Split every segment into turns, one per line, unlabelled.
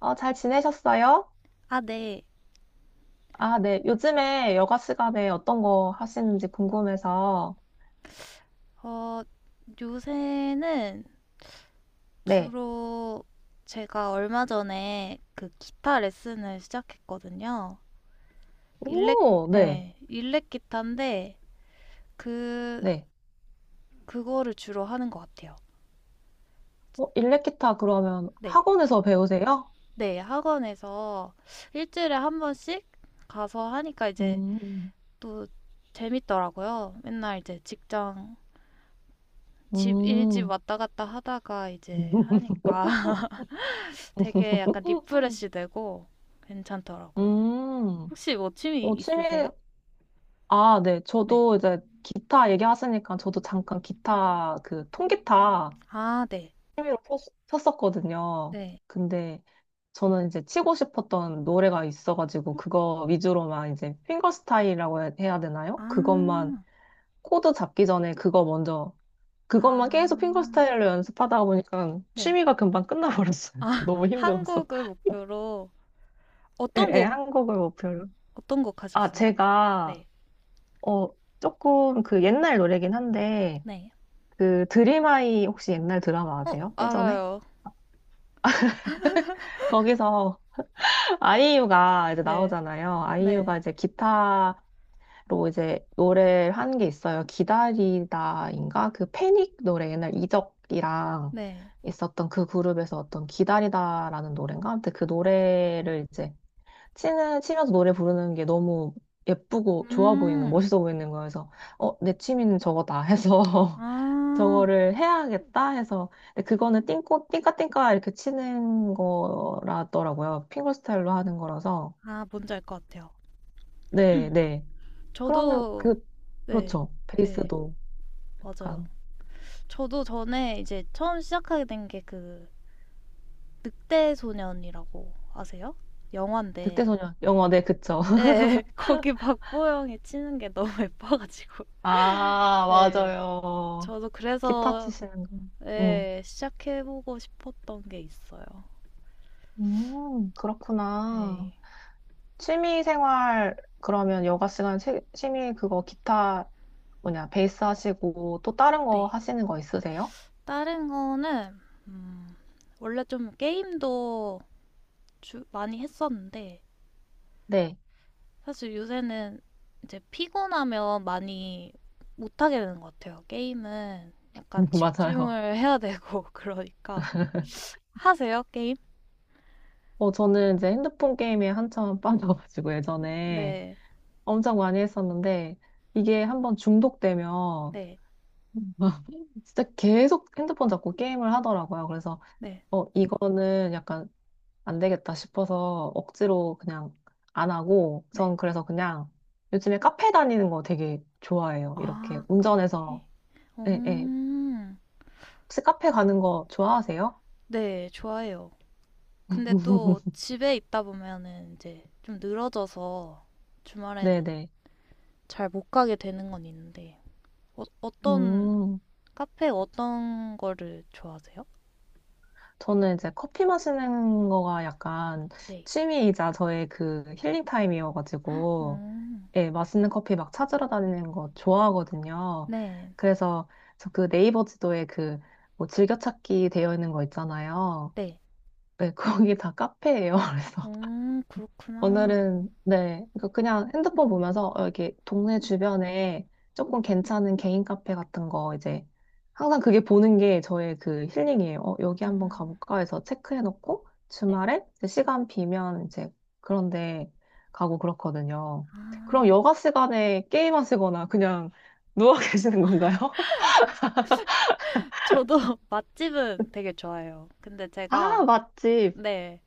잘 지내셨어요?
아, 네.
아, 네. 요즘에 여가 시간에 어떤 거 하시는지 궁금해서.
어, 요새는
네.
주로 제가 얼마 전에 그 기타 레슨을 시작했거든요. 일렉,
오, 네.
네, 일렉 기타인데 그,
네.
그거를 주로 하는 것 같아요.
일렉기타 그러면
네.
학원에서 배우세요?
네, 학원에서 일주일에 한 번씩 가서 하니까 이제
음,
또 재밌더라고요. 맨날 이제 직장, 집, 일집
음.
왔다 갔다 하다가 이제 하니까. 되게 약간
음,
리프레시 되고 괜찮더라고요.
음.
혹시 뭐 취미
어, 취미,
있으세요?
아, 네.
네.
저도 이제 기타 얘기하시니까 저도 잠깐 기타, 그 통기타
아, 네.
취미로 쳤었거든요.
네.
근데 저는 이제 치고 싶었던 노래가 있어가지고 그거 위주로만 이제 핑거스타일이라고 해야 되나요? 그것만
아,
코드 잡기 전에 그거 먼저 그것만 계속
아,
핑거스타일로 연습하다 보니까
네.
취미가 금방 끝나버렸어요.
아,
너무 힘들어서.
한국을 목표로
예,
어떤
예,
곡,
한국을 목표로.
어떤 곡
아,
하셨어요?
제가
네.
어 조금 그 옛날 노래긴 한데
네.
그 드림하이 혹시 옛날 드라마
어,
아세요? 예전에?
알아요.
거기서 아이유가 이제
네.
나오잖아요.
네.
아이유가 이제 기타로 이제 노래를 한 게 있어요. 기다리다인가? 그 패닉 노래 옛날 이적이랑
네.
있었던 그 그룹에서 어떤 기다리다라는 노래인가? 아무튼 그 노래를 이제 치면서 노래 부르는 게 너무 예쁘고 좋아 보이는,
음,
멋있어 보이는 거여서, 내 취미는 저거다 해서,
아,
저거를 해야겠다 해서, 근데 그거는 띵까띵까 이렇게 치는 거라더라고요. 핑거 스타일로 하는 거라서.
아, 뭔지 알 것 같아요.
네, 네. 그러면
저도,
그,
네.
그렇죠.
네.
베이스도
맞아요.
약간,
저도 전에 이제 처음 시작하게 된게그 늑대 소년이라고 아세요? 영화인데
늑대소년, 영어, 네, 그쵸.
예, 거기 박보영이 치는 게 너무 예뻐가지고
아,
예,
맞아요.
저도
기타
그래서
치시는 거. 음.
예, 시작해보고 싶었던 게 있어요.
그렇구나.
예.
취미 생활, 그러면 여가 시간 취미 그거 기타 뭐냐, 베이스 하시고 또 다른 거
네,
하시는 거 있으세요?
다른 거는 음, 원래 좀 게임도 많이 했었는데
네,
사실 요새는 이제 피곤하면 많이 못하게 되는 것 같아요. 게임은 약간
맞아요.
집중을 해야 되고 그러니까 하세요, 게임?
저는 이제 핸드폰 게임에 한참 빠져가지고 예전에
네.
엄청 많이 했었는데 이게 한번 중독되면
네.
진짜 계속 핸드폰 잡고 게임을 하더라고요. 그래서
네.
이거는 약간 안 되겠다 싶어서 억지로 그냥 안 하고,
네.
전 그래서 그냥 요즘에 카페 다니는 거 되게 좋아해요. 이렇게
아, 카페.
운전해서. 예, 예.
음.
혹시 카페 가는 거 좋아하세요?
네, 좋아요. 근데 또 집에 있다 보면은 이제 좀 늘어져서 주말에는
네네.
잘 못 가게 되는 건 있는데, 어, 어떤,
음,
카페 어떤 거를 좋아하세요?
저는 이제 커피 마시는 거가 약간
네.
취미이자 저의 그 힐링 타임이어가지고,
음.
예, 맛있는 커피 막 찾으러 다니는 거 좋아하거든요.
네.
그래서 저 그 네이버 지도에 그 뭐 즐겨찾기 되어 있는 거 있잖아요.
네.
네, 거기 다 카페예요. 그래서
그렇구나.
오늘은 네, 그러니까 그냥 핸드폰 보면서 이렇게 동네 주변에 조금 괜찮은 개인 카페 같은 거 이제 항상 그게 보는 게 저의 그 힐링이에요. 여기 한번
음.
가볼까 해서 체크해놓고
네.
주말에 이제 시간 비면 이제 그런데 가고 그렇거든요.
아,
그럼 여가 시간에 게임하시거나 그냥 누워 계시는 건가요?
저도 맛집은 되게 좋아해요. 근데 제가,
아, 맛집.
네.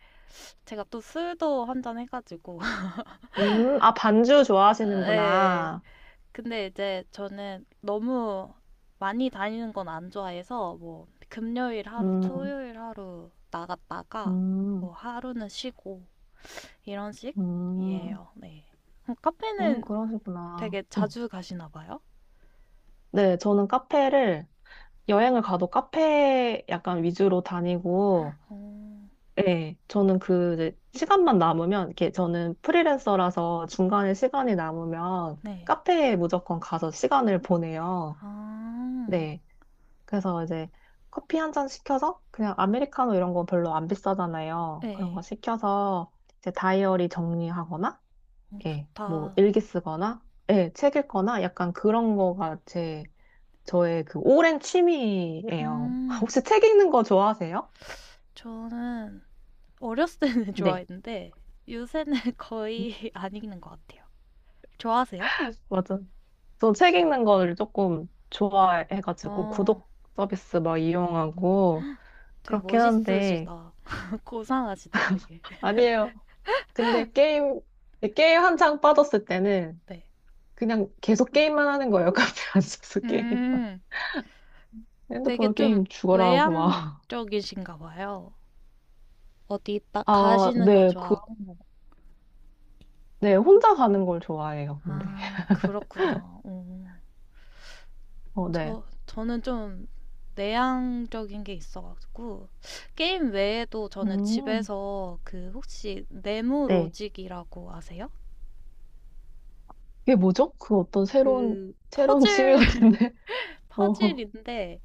제가 또 술도 한 잔 해가지고.
아, 반주
네.
좋아하시는구나.
근데 이제 저는 너무 많이 다니는 건 안 좋아해서 뭐 금요일 하루,
음,
토요일 하루 나갔다가 뭐
음.
하루는 쉬고 이런
음,
식이에요. 네. 그럼 카페는
그러시구나.
되게
응.
자주 가시나 봐요?
네, 저는 카페를 여행을 가도 카페 약간 위주로 다니고,
어,
네, 저는 그 이제 시간만 남으면, 이렇게 저는 프리랜서라서 중간에 시간이 남으면
네.
카페에 무조건 가서 시간을 보내요.
아,
네, 그래서 이제 커피 한 잔 시켜서 그냥 아메리카노 이런 거 별로 안 비싸잖아요. 그런 거
네.
시켜서 이제 다이어리 정리하거나
어,
예, 뭐
좋다.
일기 쓰거나, 예, 책 읽거나 약간 그런 거가 제 저의 그 오랜 취미예요.
음,
혹시 책 읽는 거 좋아하세요?
저는 어렸을 때는
네,
좋아했는데 요새는 거의 안 읽는 것 같아요. 좋아하세요?
맞아. 저 책 읽는 거를 조금 좋아해가지고
어,
구독 서비스 막 이용하고
되게
그렇긴 한데
멋있으시다. 고상하시다, 되게.
아니에요. 근데 게임 네, 게임 한창 빠졌을 때는
네.
그냥 계속 게임만 하는 거예요. 카페 앉아서 게임.
음, 되게
핸드폰
좀
게임 죽어라 하고 막.
외향적이신가 봐요. 어디 딱
아,
가시는 거
네, 그,
좋아하고.
네, 혼자 가는 걸 좋아해요, 근데.
아, 그렇구나. 오.
어, 네.
저는 좀 내향적인 게 있어가지고. 게임 외에도 저는
음,
집에서 혹시 네모
네,
로직이라고 아세요?
이게 뭐죠?
그
새로운 취미
퍼즐,
같은데? 어,
퍼즐인데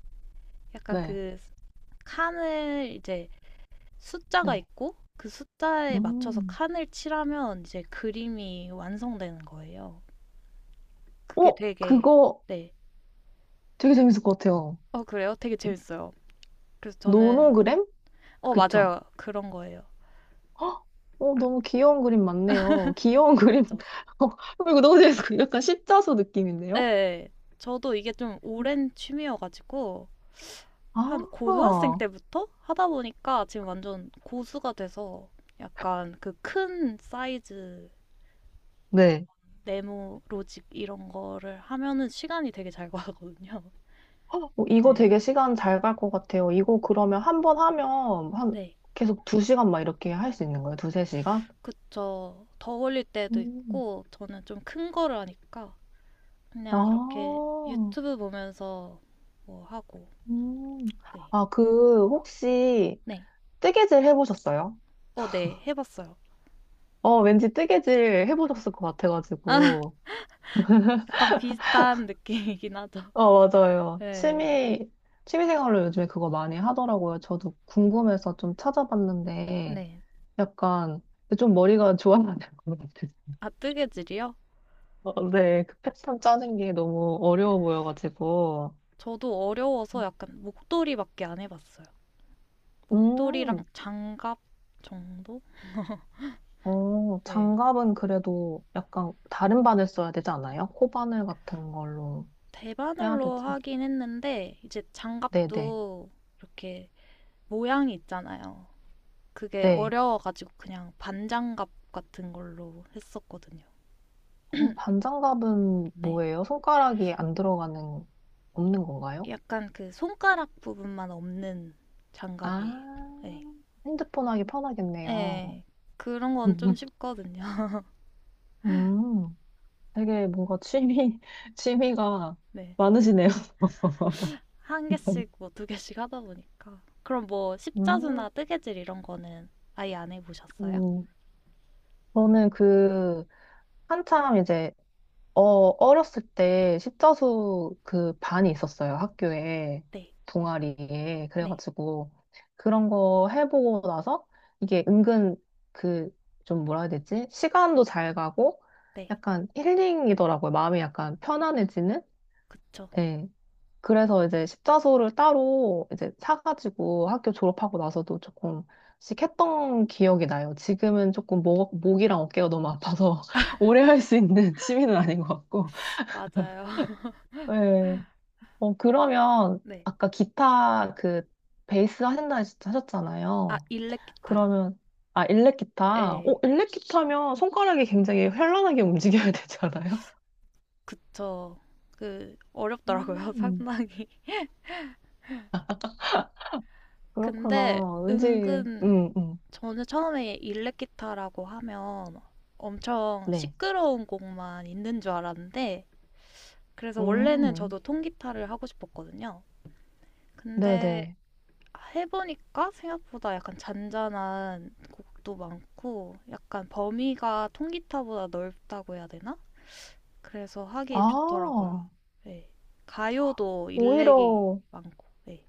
약간
네.
그 칸을 이제 숫자가
네.
있고 그 숫자에 맞춰서
음.
칸을 칠하면 이제 그림이 완성되는 거예요. 그게 되게.
그거
네.
되게 재밌을 것 같아요.
어, 그래요? 되게 재밌어요. 그래서 저는,
노노그램?
어,
그쵸?
맞아요. 그런 거예요.
헉, 너무 귀여운 그림 많네요. 귀여운 그림.
그쵸?
어, 이거 너무 재밌어. 약간 십자수
예.
느낌인데요?
예. 저도 이게 좀 오랜 취미여가지고 한 고등학생
아,
때부터 하다 보니까 지금 완전 고수가 돼서 약간 그 큰 사이즈
네.
네모 로직 이런 거를 하면은 시간이 되게 잘 가거든요.
이거
네.
되게 시간 잘 갈 것 같아요. 이거 그러면 한 번 하면 한
네.
계속 두 시간 막 이렇게 할 수 있는 거예요? 두세 시간?
그쵸. 더 걸릴 때도
음.
있고 저는 좀 큰 거를 하니까 그냥 이렇게
아,
유튜브 보면서 뭐 하고.
음.
네.
아, 그, 혹시,
네.
뜨개질 해보셨어요?
어, 네. 해봤어요.
어, 왠지 뜨개질 해보셨을 것 같아가지고.
약간 비슷한 느낌이긴 하죠.
맞아요.
네.
취미생활로 요즘에 그거 많이 하더라고요. 저도 궁금해서 좀 찾아봤는데,
네.
약간, 좀 머리가 좋아야 될 것 같아요.
아, 뜨개질이요?
어, 네, 그 패턴 짜는 게 너무 어려워 보여가지고.
저도 어려워서 약간 목도리밖에 안 해봤어요. 목도리랑
음.
장갑 정도?
어,
네.
장갑은 그래도 약간 다른 바늘 써야 되지 않아요? 코바늘 같은 걸로 해야
대바늘로
되지.
하긴 했는데 이제
네네.
장갑도 이렇게 모양이 있잖아요. 그게
네.
어려워가지고 그냥 반장갑 같은 걸로 했었거든요.
어, 반장갑은
네.
뭐예요? 손가락이 안 들어가는, 없는 건가요?
약간 그 손가락 부분만 없는 장갑이에요.
아,
네.
핸드폰 하기 편하겠네요.
네. 그런 건 좀 쉽거든요.
음, 되게 뭔가 취미가
네.
많으시네요.
한 개씩 뭐 두 개씩 하다 보니까. 그럼 뭐
음,
십자수나 뜨개질 이런 거는 아예 안 해보셨어요?
음, 저는 그, 한참 이제 어, 어렸을 때 십자수 그 반이 있었어요. 학교에.
네.
동아리에.
네.
그래가지고 그런 거 해보고 나서 이게 은근 그 좀 뭐라 해야 되지? 시간도 잘 가고
네.
약간 힐링이더라고요. 마음이 약간 편안해지는?
그쵸.
네. 그래서 이제 십자수를 따로 이제 사가지고 학교 졸업하고 나서도 조금씩 했던 기억이 나요. 지금은 조금 목이랑 어깨가 너무 아파서 오래 할 수 있는 취미는 아닌 것 같고.
맞아요.
네. 그러면
네.
아까 기타 그 베이스 하신다
아,
하셨잖아요.
일렉 기타요.
그러면 아, 일렉 기타. 어,
네.
일렉 기타면 손가락이 굉장히 현란하게 움직여야 되잖아요.
그쵸. 어렵더라고요,
음,
상당히. 근데
그렇구나. 왠지
은근 저는 처음에 일렉 기타라고 하면 엄청
네.
시끄러운 곡만 있는 줄 알았는데 그래서 원래는
음.
저도 통기타를 하고 싶었거든요.
네,
근데
네.
해보니까 생각보다 약간 잔잔한 곡도 많고 약간 범위가 통기타보다 넓다고 해야 되나? 그래서 하기
아,
좋더라고요. 네. 가요도
오히려
일렉이 많고. 네.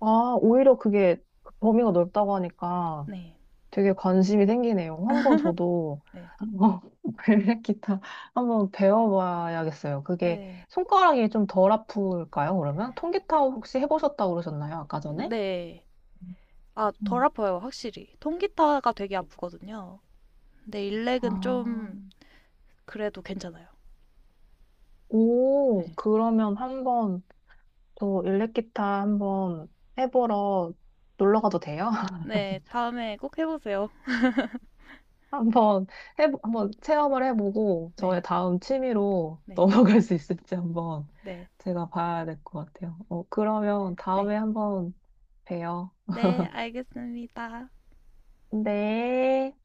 아, 오히려 그게 범위가 넓다고 하니까
네.
되게 관심이 생기네요. 한번 저도
네.
어, 벨벳 기타 한번 배워봐야겠어요. 그게
네.
손가락이 좀 덜 아플까요, 그러면? 통기타 혹시 해보셨다고 그러셨나요, 아까 전에?
네. 아, 덜
음.
아파요, 확실히. 통기타가 되게 아프거든요. 근데 일렉은 좀
아,
그래도 괜찮아요.
오,
네.
그러면 한번 저 일렉기타 한번 해보러 놀러 가도 돼요?
네, 다음에 꼭 해보세요.
한번 한번 체험을 해보고 저의
네,
다음 취미로
네,
넘어갈 수 있을지 한번
네,
제가 봐야 될 것 같아요. 그러면
네.
다음에 한번 봬요.
네, 알겠습니다.
네.